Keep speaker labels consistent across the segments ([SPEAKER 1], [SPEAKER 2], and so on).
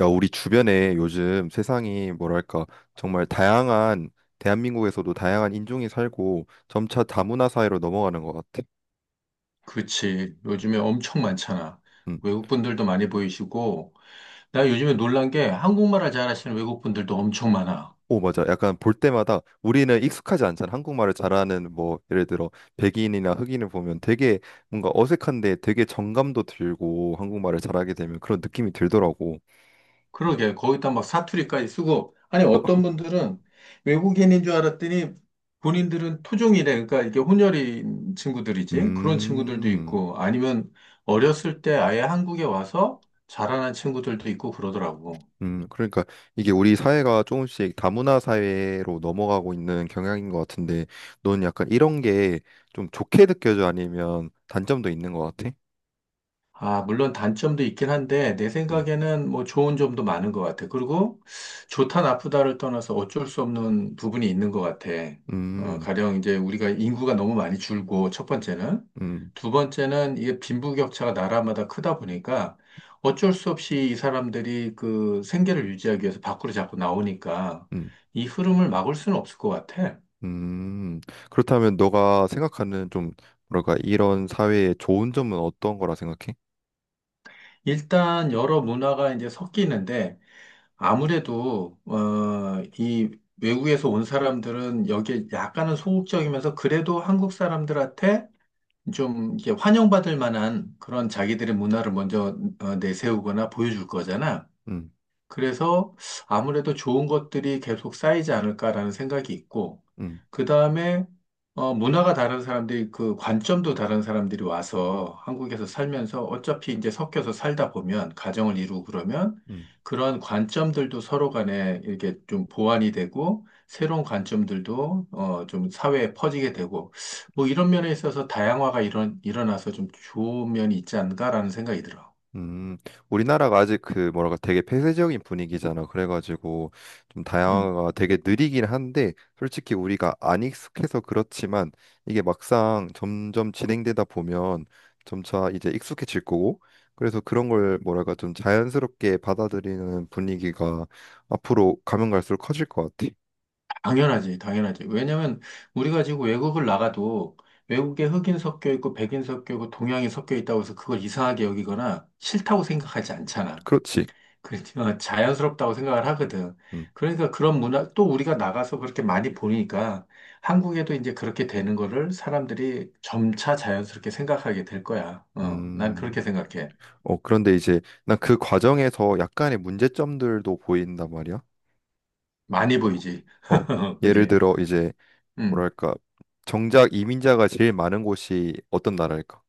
[SPEAKER 1] 야, 우리 주변에 요즘 세상이 뭐랄까, 정말 다양한, 대한민국에서도 다양한 인종이 살고 점차 다문화 사회로 넘어가는 것 같아.
[SPEAKER 2] 그치. 요즘에 엄청 많잖아.
[SPEAKER 1] 음.
[SPEAKER 2] 외국 분들도 많이 보이시고, 나 요즘에 놀란 게 한국말을 잘하시는 외국 분들도 엄청 많아.
[SPEAKER 1] 오, 맞아. 약간 볼 때마다 우리는 익숙하지 않잖아. 한국말을 잘하는 뭐, 예를 들어, 백인이나 흑인을 보면 되게 뭔가 어색한데 되게 정감도 들고 한국말을 잘하게 되면 그런 느낌이 들더라고.
[SPEAKER 2] 그러게, 거기다 막 사투리까지 쓰고, 아니,
[SPEAKER 1] 뭐,
[SPEAKER 2] 어떤 분들은 외국인인 줄 알았더니 본인들은 토종이래. 그러니까 이게 혼혈인 친구들이지. 그런 친구들도
[SPEAKER 1] 음.
[SPEAKER 2] 있고, 아니면 어렸을 때 아예 한국에 와서 자라난 친구들도 있고 그러더라고.
[SPEAKER 1] 그러니까 이게 우리 사회가 조금씩 다문화 사회로 넘어가고 있는 경향인 것 같은데, 넌 약간 이런 게 좀 좋게 느껴져 아니면 단점도 있는 것 같아?
[SPEAKER 2] 아, 물론 단점도 있긴 한데, 내
[SPEAKER 1] 음,
[SPEAKER 2] 생각에는 뭐 좋은 점도 많은 것 같아. 그리고 좋다, 나쁘다를 떠나서 어쩔 수 없는 부분이 있는 것 같아.
[SPEAKER 1] 음,
[SPEAKER 2] 가령 이제 우리가 인구가 너무 많이 줄고, 첫 번째는.
[SPEAKER 1] 음,
[SPEAKER 2] 두 번째는 이게 빈부격차가 나라마다 크다 보니까 어쩔 수 없이 이 사람들이 그 생계를 유지하기 위해서 밖으로 자꾸 나오니까
[SPEAKER 1] 음,
[SPEAKER 2] 이 흐름을 막을 수는 없을 것 같아.
[SPEAKER 1] 음. 그렇다면 너가 생각하는 좀 뭐랄까 이런 사회의 좋은 점은 어떤 거라 생각해?
[SPEAKER 2] 일단 여러 문화가 이제 섞이는데, 아무래도 이 외국에서 온 사람들은 여기에 약간은 소극적이면서 그래도 한국 사람들한테 좀 이렇게 환영받을 만한 그런 자기들의 문화를 먼저 내세우거나 보여줄 거잖아.
[SPEAKER 1] 음,
[SPEAKER 2] 그래서 아무래도 좋은 것들이 계속 쌓이지 않을까라는 생각이 있고,
[SPEAKER 1] 음,
[SPEAKER 2] 그 다음에, 문화가 다른 사람들이, 그 관점도 다른 사람들이 와서 한국에서 살면서 어차피 이제 섞여서 살다 보면, 가정을 이루고 그러면,
[SPEAKER 1] 음.
[SPEAKER 2] 그런 관점들도 서로 간에 이렇게 좀 보완이 되고, 새로운 관점들도, 좀 사회에 퍼지게 되고, 뭐 이런 면에 있어서 다양화가 일어나서 좀 좋은 면이 있지 않을까라는 생각이 들어.
[SPEAKER 1] 음, 우리나라가 아직 그 뭐랄까 되게 폐쇄적인 분위기잖아. 그래가지고 좀
[SPEAKER 2] 음.
[SPEAKER 1] 다양화가 되게 느리긴 한데 솔직히 우리가 안 익숙해서 그렇지만 이게 막상 점점 진행되다 보면 점차 이제 익숙해질 거고 그래서 그런 걸 뭐랄까 좀 자연스럽게 받아들이는 분위기가 앞으로 가면 갈수록 커질 것 같아.
[SPEAKER 2] 당연하지, 당연하지. 왜냐면 우리가 지금 외국을 나가도 외국에 흑인 섞여 있고 백인 섞여 있고 동양이 섞여 있다고 해서 그걸 이상하게 여기거나 싫다고 생각하지 않잖아.
[SPEAKER 1] 그렇지.
[SPEAKER 2] 그렇지만 자연스럽다고 생각을 하거든.
[SPEAKER 1] 음.
[SPEAKER 2] 그러니까 그런 문화, 또 우리가 나가서 그렇게 많이 보니까 한국에도 이제 그렇게 되는 거를 사람들이 점차 자연스럽게 생각하게 될 거야. 어, 난
[SPEAKER 1] 음.
[SPEAKER 2] 그렇게 생각해.
[SPEAKER 1] 어, 그런데 이제 난 그 과정에서 약간의 문제점들도 보인단 말이야.
[SPEAKER 2] 많이 보이지.
[SPEAKER 1] 어, 어, 예를
[SPEAKER 2] 그지?
[SPEAKER 1] 들어 이제
[SPEAKER 2] 음.
[SPEAKER 1] 뭐랄까 정작 이민자가 제일 많은 곳이 어떤 나라일까?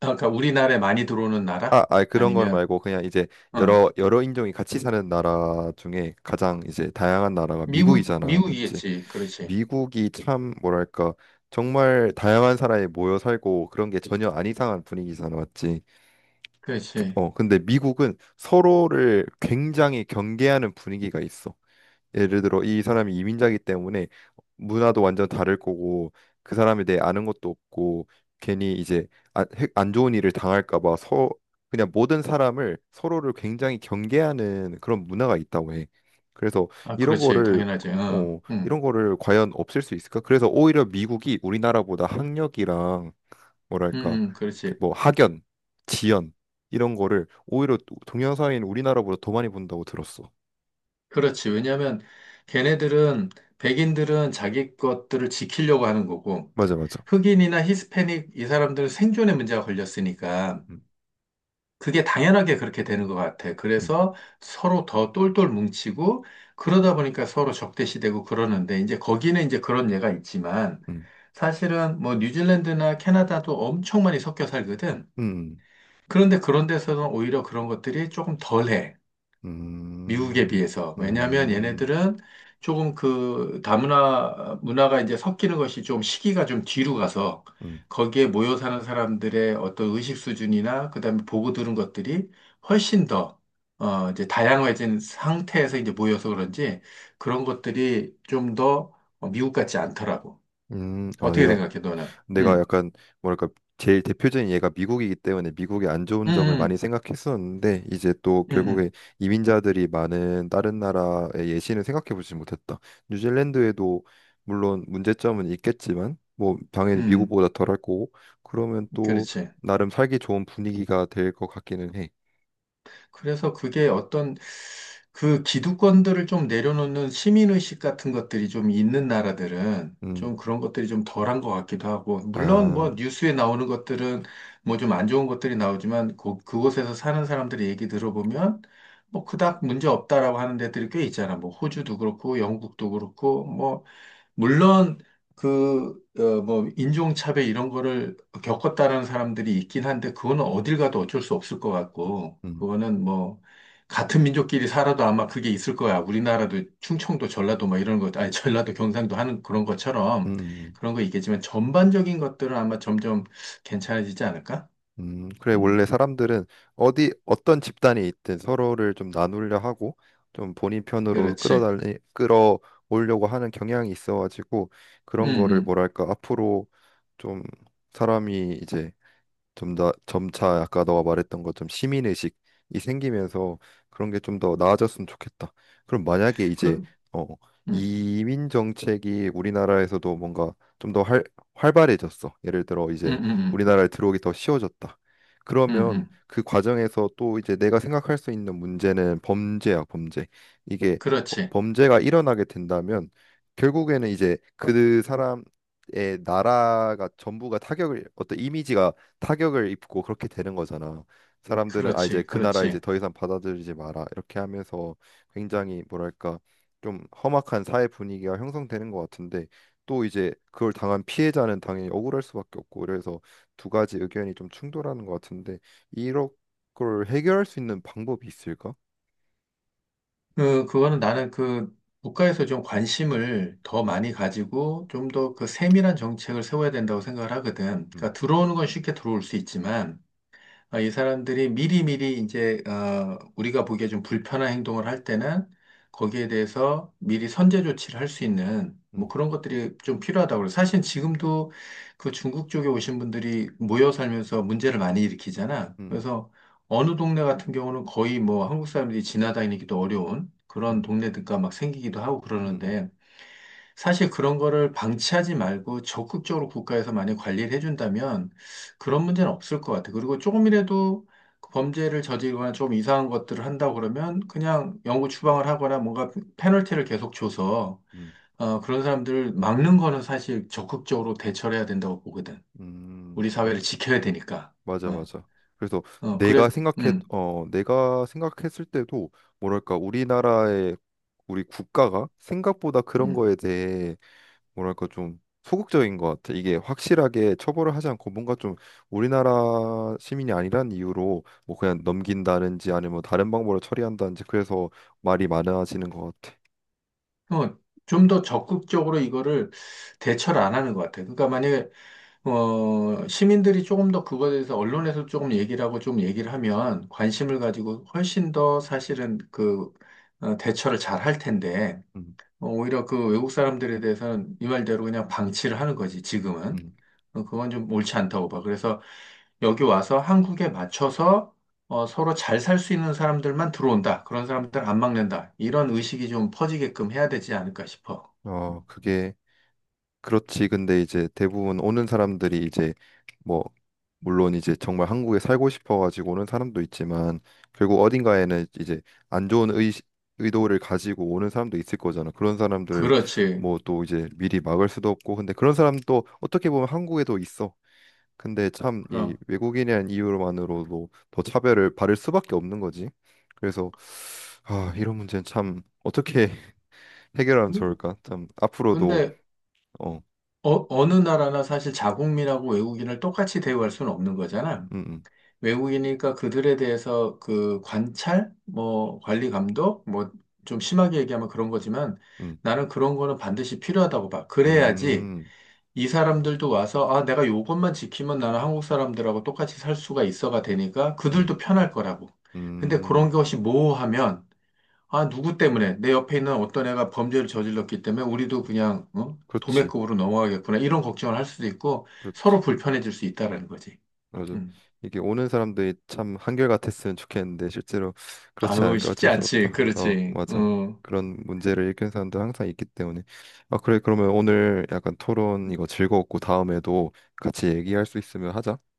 [SPEAKER 2] 아까 우리나라에 많이 들어오는 나라?
[SPEAKER 1] 아, 아 그런 건
[SPEAKER 2] 아니면,
[SPEAKER 1] 말고 그냥 이제
[SPEAKER 2] 어.
[SPEAKER 1] 여러 인종이 같이 사는 나라 중에 가장 이제 다양한 나라가
[SPEAKER 2] 미국,
[SPEAKER 1] 미국이잖아, 맞지?
[SPEAKER 2] 미국이겠지. 그렇지.
[SPEAKER 1] 미국이 참 뭐랄까 정말 다양한 사람이 모여 살고 그런 게 전혀 안 이상한 분위기잖아, 맞지?
[SPEAKER 2] 그렇지.
[SPEAKER 1] 어, 근데 미국은 서로를 굉장히 경계하는 분위기가 있어. 예를 들어 이 사람이 이민자이기 때문에 문화도 완전 다를 거고 그 사람에 대해 아는 것도 없고 괜히 이제 안 좋은 일을 당할까 봐 서 그냥 모든 사람을 서로를 굉장히 경계하는 그런 문화가 있다고 해. 그래서
[SPEAKER 2] 아,
[SPEAKER 1] 이런
[SPEAKER 2] 그렇지.
[SPEAKER 1] 거를
[SPEAKER 2] 당연하지. 어.
[SPEAKER 1] 어
[SPEAKER 2] 응.
[SPEAKER 1] 이런 거를 과연 없앨 수 있을까? 그래서 오히려 미국이 우리나라보다 학력이랑
[SPEAKER 2] 응,
[SPEAKER 1] 뭐랄까
[SPEAKER 2] 응,
[SPEAKER 1] 그
[SPEAKER 2] 그렇지.
[SPEAKER 1] 뭐 학연, 지연 이런 거를 오히려 동양 사회인 우리나라보다 더 많이 본다고 들었어.
[SPEAKER 2] 그렇지. 왜냐하면 걔네들은, 백인들은 자기 것들을 지키려고 하는 거고,
[SPEAKER 1] 맞아 맞아.
[SPEAKER 2] 흑인이나 히스패닉 이 사람들은 생존의 문제가 걸렸으니까,
[SPEAKER 1] 음,
[SPEAKER 2] 그게 당연하게 그렇게 되는 것 같아.
[SPEAKER 1] 음,
[SPEAKER 2] 그래서 서로 더 똘똘 뭉치고, 그러다 보니까 서로 적대시되고 그러는데, 이제 거기는 이제 그런 예가 있지만,
[SPEAKER 1] 음.
[SPEAKER 2] 사실은 뭐 뉴질랜드나 캐나다도 엄청 많이 섞여 살거든.
[SPEAKER 1] 음,
[SPEAKER 2] 그런데 그런 데서는 오히려 그런 것들이 조금 덜해. 미국에
[SPEAKER 1] 음,
[SPEAKER 2] 비해서. 왜냐하면
[SPEAKER 1] 음,
[SPEAKER 2] 얘네들은 조금 그 다문화 문화가 이제 섞이는 것이 좀 시기가 좀 뒤로 가서
[SPEAKER 1] 음,
[SPEAKER 2] 거기에 모여 사는 사람들의 어떤 의식 수준이나 그다음에 보고 들은 것들이 훨씬 더 이제 다양해진 상태에서 이제 모여서 그런지 그런 것들이 좀더 미국 같지 않더라고.
[SPEAKER 1] 아,
[SPEAKER 2] 어떻게
[SPEAKER 1] 내가,
[SPEAKER 2] 생각해, 너는?
[SPEAKER 1] 내가
[SPEAKER 2] 응,
[SPEAKER 1] 약간, 뭐랄까, 제일 대표적인 얘가 미국이기 때문에 미국의 안
[SPEAKER 2] 응,
[SPEAKER 1] 좋은 점을 많이
[SPEAKER 2] 응,
[SPEAKER 1] 생각했었는데, 이제 또
[SPEAKER 2] 응,
[SPEAKER 1] 결국에 이민자들이 많은 다른 나라의 예시는 생각해 보지 못했다. 뉴질랜드에도 물론 문제점은 있겠지만, 뭐, 당연히
[SPEAKER 2] 응,
[SPEAKER 1] 미국보다 덜할 거고, 그러면
[SPEAKER 2] 응,
[SPEAKER 1] 또
[SPEAKER 2] 그렇지.
[SPEAKER 1] 나름 살기 좋은 분위기가 될 것 같기는 해.
[SPEAKER 2] 그래서 그게 어떤 그 기득권들을 좀 내려놓는 시민의식 같은 것들이 좀 있는 나라들은
[SPEAKER 1] 음,
[SPEAKER 2] 좀 그런 것들이 좀 덜한 것 같기도 하고, 물론 뭐
[SPEAKER 1] 아,
[SPEAKER 2] 뉴스에 나오는 것들은 뭐 좀 안 좋은 것들이 나오지만 그, 그곳에서 사는 사람들의 얘기 들어보면 뭐 그닥 문제 없다라고 하는 데들이 꽤 있잖아. 뭐 호주도 그렇고 영국도 그렇고 뭐 물론 뭐, 인종차별 이런 거를 겪었다는 사람들이 있긴 한데, 그거는 어딜 가도 어쩔 수 없을 것 같고,
[SPEAKER 1] 음,
[SPEAKER 2] 그거는 뭐, 같은 민족끼리 살아도 아마 그게 있을 거야. 우리나라도 충청도, 전라도 뭐 이런 것, 아니, 전라도, 경상도 하는 그런
[SPEAKER 1] 음,
[SPEAKER 2] 것처럼
[SPEAKER 1] 음.
[SPEAKER 2] 그런 거 있겠지만, 전반적인 것들은 아마 점점 괜찮아지지 않을까?
[SPEAKER 1] 그래,
[SPEAKER 2] 음,
[SPEAKER 1] 원래 사람들은 어디, 어떤 집단이 있든 서로를 좀 나누려 하고, 좀 본인 편으로
[SPEAKER 2] 그렇지.
[SPEAKER 1] 끌어오려고 하는 경향이 있어가지고,
[SPEAKER 2] 음,
[SPEAKER 1] 그런 거를
[SPEAKER 2] 음.
[SPEAKER 1] 뭐랄까, 앞으로 좀 사람이 이제 좀 더 점차 아까 너가 말했던 것좀 시민 의식이 생기면서 그런 게 좀 더 나아졌으면 좋겠다. 그럼 만약에 이제
[SPEAKER 2] 그,
[SPEAKER 1] 어
[SPEAKER 2] 음,
[SPEAKER 1] 이민 정책이 우리나라에서도 뭔가 좀 더 활발해졌어. 예를 들어
[SPEAKER 2] 음,
[SPEAKER 1] 이제
[SPEAKER 2] 음,
[SPEAKER 1] 우리나라에 들어오기 더 쉬워졌다.
[SPEAKER 2] 음, 음,
[SPEAKER 1] 그러면
[SPEAKER 2] 음.
[SPEAKER 1] 그 과정에서 또 이제 내가 생각할 수 있는 문제는 범죄야, 범죄. 이게
[SPEAKER 2] 그렇지.
[SPEAKER 1] 범죄가 일어나게 된다면 결국에는 이제 그 사람의 나라가 전부가 타격을 어떤 이미지가 타격을 입고 그렇게 되는 거잖아. 사람들은 아 이제
[SPEAKER 2] 그렇지.
[SPEAKER 1] 그 나라 이제
[SPEAKER 2] 그렇지.
[SPEAKER 1] 더 이상 받아들이지 마라 이렇게 하면서 굉장히 뭐랄까 좀 험악한 사회 분위기가 형성되는 것 같은데 또 이제 그걸 당한 피해자는 당연히 억울할 수밖에 없고 그래서 두 가지 의견이 좀 충돌하는 것 같은데 이런 걸 해결할 수 있는 방법이 있을까?
[SPEAKER 2] 그거는 나는 그 국가에서 좀 관심을 더 많이 가지고 좀 더 그 세밀한 정책을 세워야 된다고 생각을 하거든.
[SPEAKER 1] 음,
[SPEAKER 2] 그러니까 들어오는 건 쉽게 들어올 수 있지만 이 사람들이 미리미리 이제 우리가 보기에 좀 불편한 행동을 할 때는 거기에 대해서 미리 선제 조치를 할 수 있는 뭐
[SPEAKER 1] 음,
[SPEAKER 2] 그런 것들이 좀 필요하다고 그래요. 사실 지금도 그 중국 쪽에 오신 분들이 모여 살면서 문제를 많이 일으키잖아.
[SPEAKER 1] 음,
[SPEAKER 2] 그래서 어느 동네 같은 경우는 거의 뭐 한국 사람들이 지나다니기도 어려운 그런
[SPEAKER 1] 음,
[SPEAKER 2] 동네들과 막 생기기도 하고
[SPEAKER 1] 음,
[SPEAKER 2] 그러는데 사실 그런 거를 방치하지 말고 적극적으로 국가에서 많이 관리를 해준다면 그런 문제는 없을 것 같아요. 그리고 조금이라도 그 범죄를 저지르거나 좀 이상한 것들을 한다고 그러면 그냥 영구 추방을 하거나 뭔가 페널티를 계속 줘서
[SPEAKER 1] 음,
[SPEAKER 2] 그런 사람들을 막는 거는 사실 적극적으로 대처를 해야 된다고 보거든.
[SPEAKER 1] 음,
[SPEAKER 2] 우리
[SPEAKER 1] 음,
[SPEAKER 2] 사회를 지켜야 되니까.
[SPEAKER 1] 맞아,
[SPEAKER 2] 어,
[SPEAKER 1] 맞아. 그래서
[SPEAKER 2] 그래서, 음,
[SPEAKER 1] 내가 생각했을 때도 뭐랄까 우리나라의 우리 국가가 생각보다 그런
[SPEAKER 2] 음.
[SPEAKER 1] 거에 대해 뭐랄까 좀 소극적인 것 같아. 이게 확실하게 처벌을 하지 않고 뭔가 좀 우리나라 시민이 아니란 이유로 뭐 그냥 넘긴다든지 아니면 뭐 다른 방법으로 처리한다든지 그래서 말이 많아지는 것 같아.
[SPEAKER 2] 어, 좀 더 적극적으로 이거를 대처를 안 하는 것 같아요. 그러니까 만약에 시민들이 조금 더 그거에 대해서 언론에서 조금 얘기를 하고 좀 얘기를 하면 관심을 가지고 훨씬 더 사실은 그 대처를 잘 할 텐데
[SPEAKER 1] 음,
[SPEAKER 2] 오히려 그 외국 사람들에 대해서는 이 말대로 그냥 방치를 하는 거지 지금은
[SPEAKER 1] 음.
[SPEAKER 2] 그건 좀 옳지 않다고 봐. 그래서 여기 와서 한국에 맞춰서 서로 잘 살 수 있는 사람들만 들어온다. 그런 사람들 안 막는다. 이런 의식이 좀 퍼지게끔 해야 되지 않을까 싶어. 음.
[SPEAKER 1] 어, 그게 그렇지. 근데 이제 대부분 오는 사람들이 이제 뭐 물론 이제 정말 한국에 살고 싶어 가지고 오는 사람도 있지만 결국 어딘가에는 이제 안 좋은 의 의도를 가지고 오는 사람도 있을 거잖아. 그런 사람들을
[SPEAKER 2] 그렇지.
[SPEAKER 1] 뭐 또 이제 미리 막을 수도 없고 근데 그런 사람도 어떻게 보면 한국에도 있어. 근데 참 이
[SPEAKER 2] 그럼.
[SPEAKER 1] 외국인이라는 이유만으로도 더 차별을 받을 수밖에 없는 거지. 그래서 아, 이런 문제는 참 어떻게 해결하면 좋을까? 참 앞으로도
[SPEAKER 2] 근데
[SPEAKER 1] 어,
[SPEAKER 2] 어느 나라나 사실 자국민하고 외국인을 똑같이 대우할 수는 없는 거잖아.
[SPEAKER 1] 음.
[SPEAKER 2] 외국인이니까 그들에 대해서 그 관찰, 뭐 관리 감독, 뭐 좀 심하게 얘기하면 그런 거지만
[SPEAKER 1] 음.
[SPEAKER 2] 나는 그런 거는 반드시 필요하다고 봐. 그래야지
[SPEAKER 1] 음,
[SPEAKER 2] 이 사람들도 와서 아, 내가 요것만 지키면 나는 한국 사람들하고 똑같이 살 수가 있어가 되니까
[SPEAKER 1] 음,
[SPEAKER 2] 그들도 편할 거라고. 근데 그런
[SPEAKER 1] 음,
[SPEAKER 2] 것이 모호하면 아, 누구 때문에? 내 옆에 있는 어떤 애가 범죄를 저질렀기 때문에 우리도 그냥, 어?
[SPEAKER 1] 그렇지,
[SPEAKER 2] 도매급으로 넘어가겠구나. 이런 걱정을 할 수도 있고, 서로
[SPEAKER 1] 그렇지,
[SPEAKER 2] 불편해질 수 있다라는 거지.
[SPEAKER 1] 맞아.
[SPEAKER 2] 음.
[SPEAKER 1] 이게 오는 사람들이 참 한결같았으면 좋겠는데 실제로 그렇지
[SPEAKER 2] 아유,
[SPEAKER 1] 않으니까
[SPEAKER 2] 쉽지
[SPEAKER 1] 어쩔 수
[SPEAKER 2] 않지.
[SPEAKER 1] 없다. 어,
[SPEAKER 2] 그렇지.
[SPEAKER 1] 맞아.
[SPEAKER 2] 음.
[SPEAKER 1] 그런 문제를 일으키는 사람들 항상 있기 때문에. 아, 그래, 그러면 오늘 약간 토론 이거 즐거웠고 다음에도 같이 얘기할 수 있으면 하자.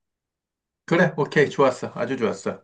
[SPEAKER 2] 그래, 오케이. 좋았어. 아주 좋았어.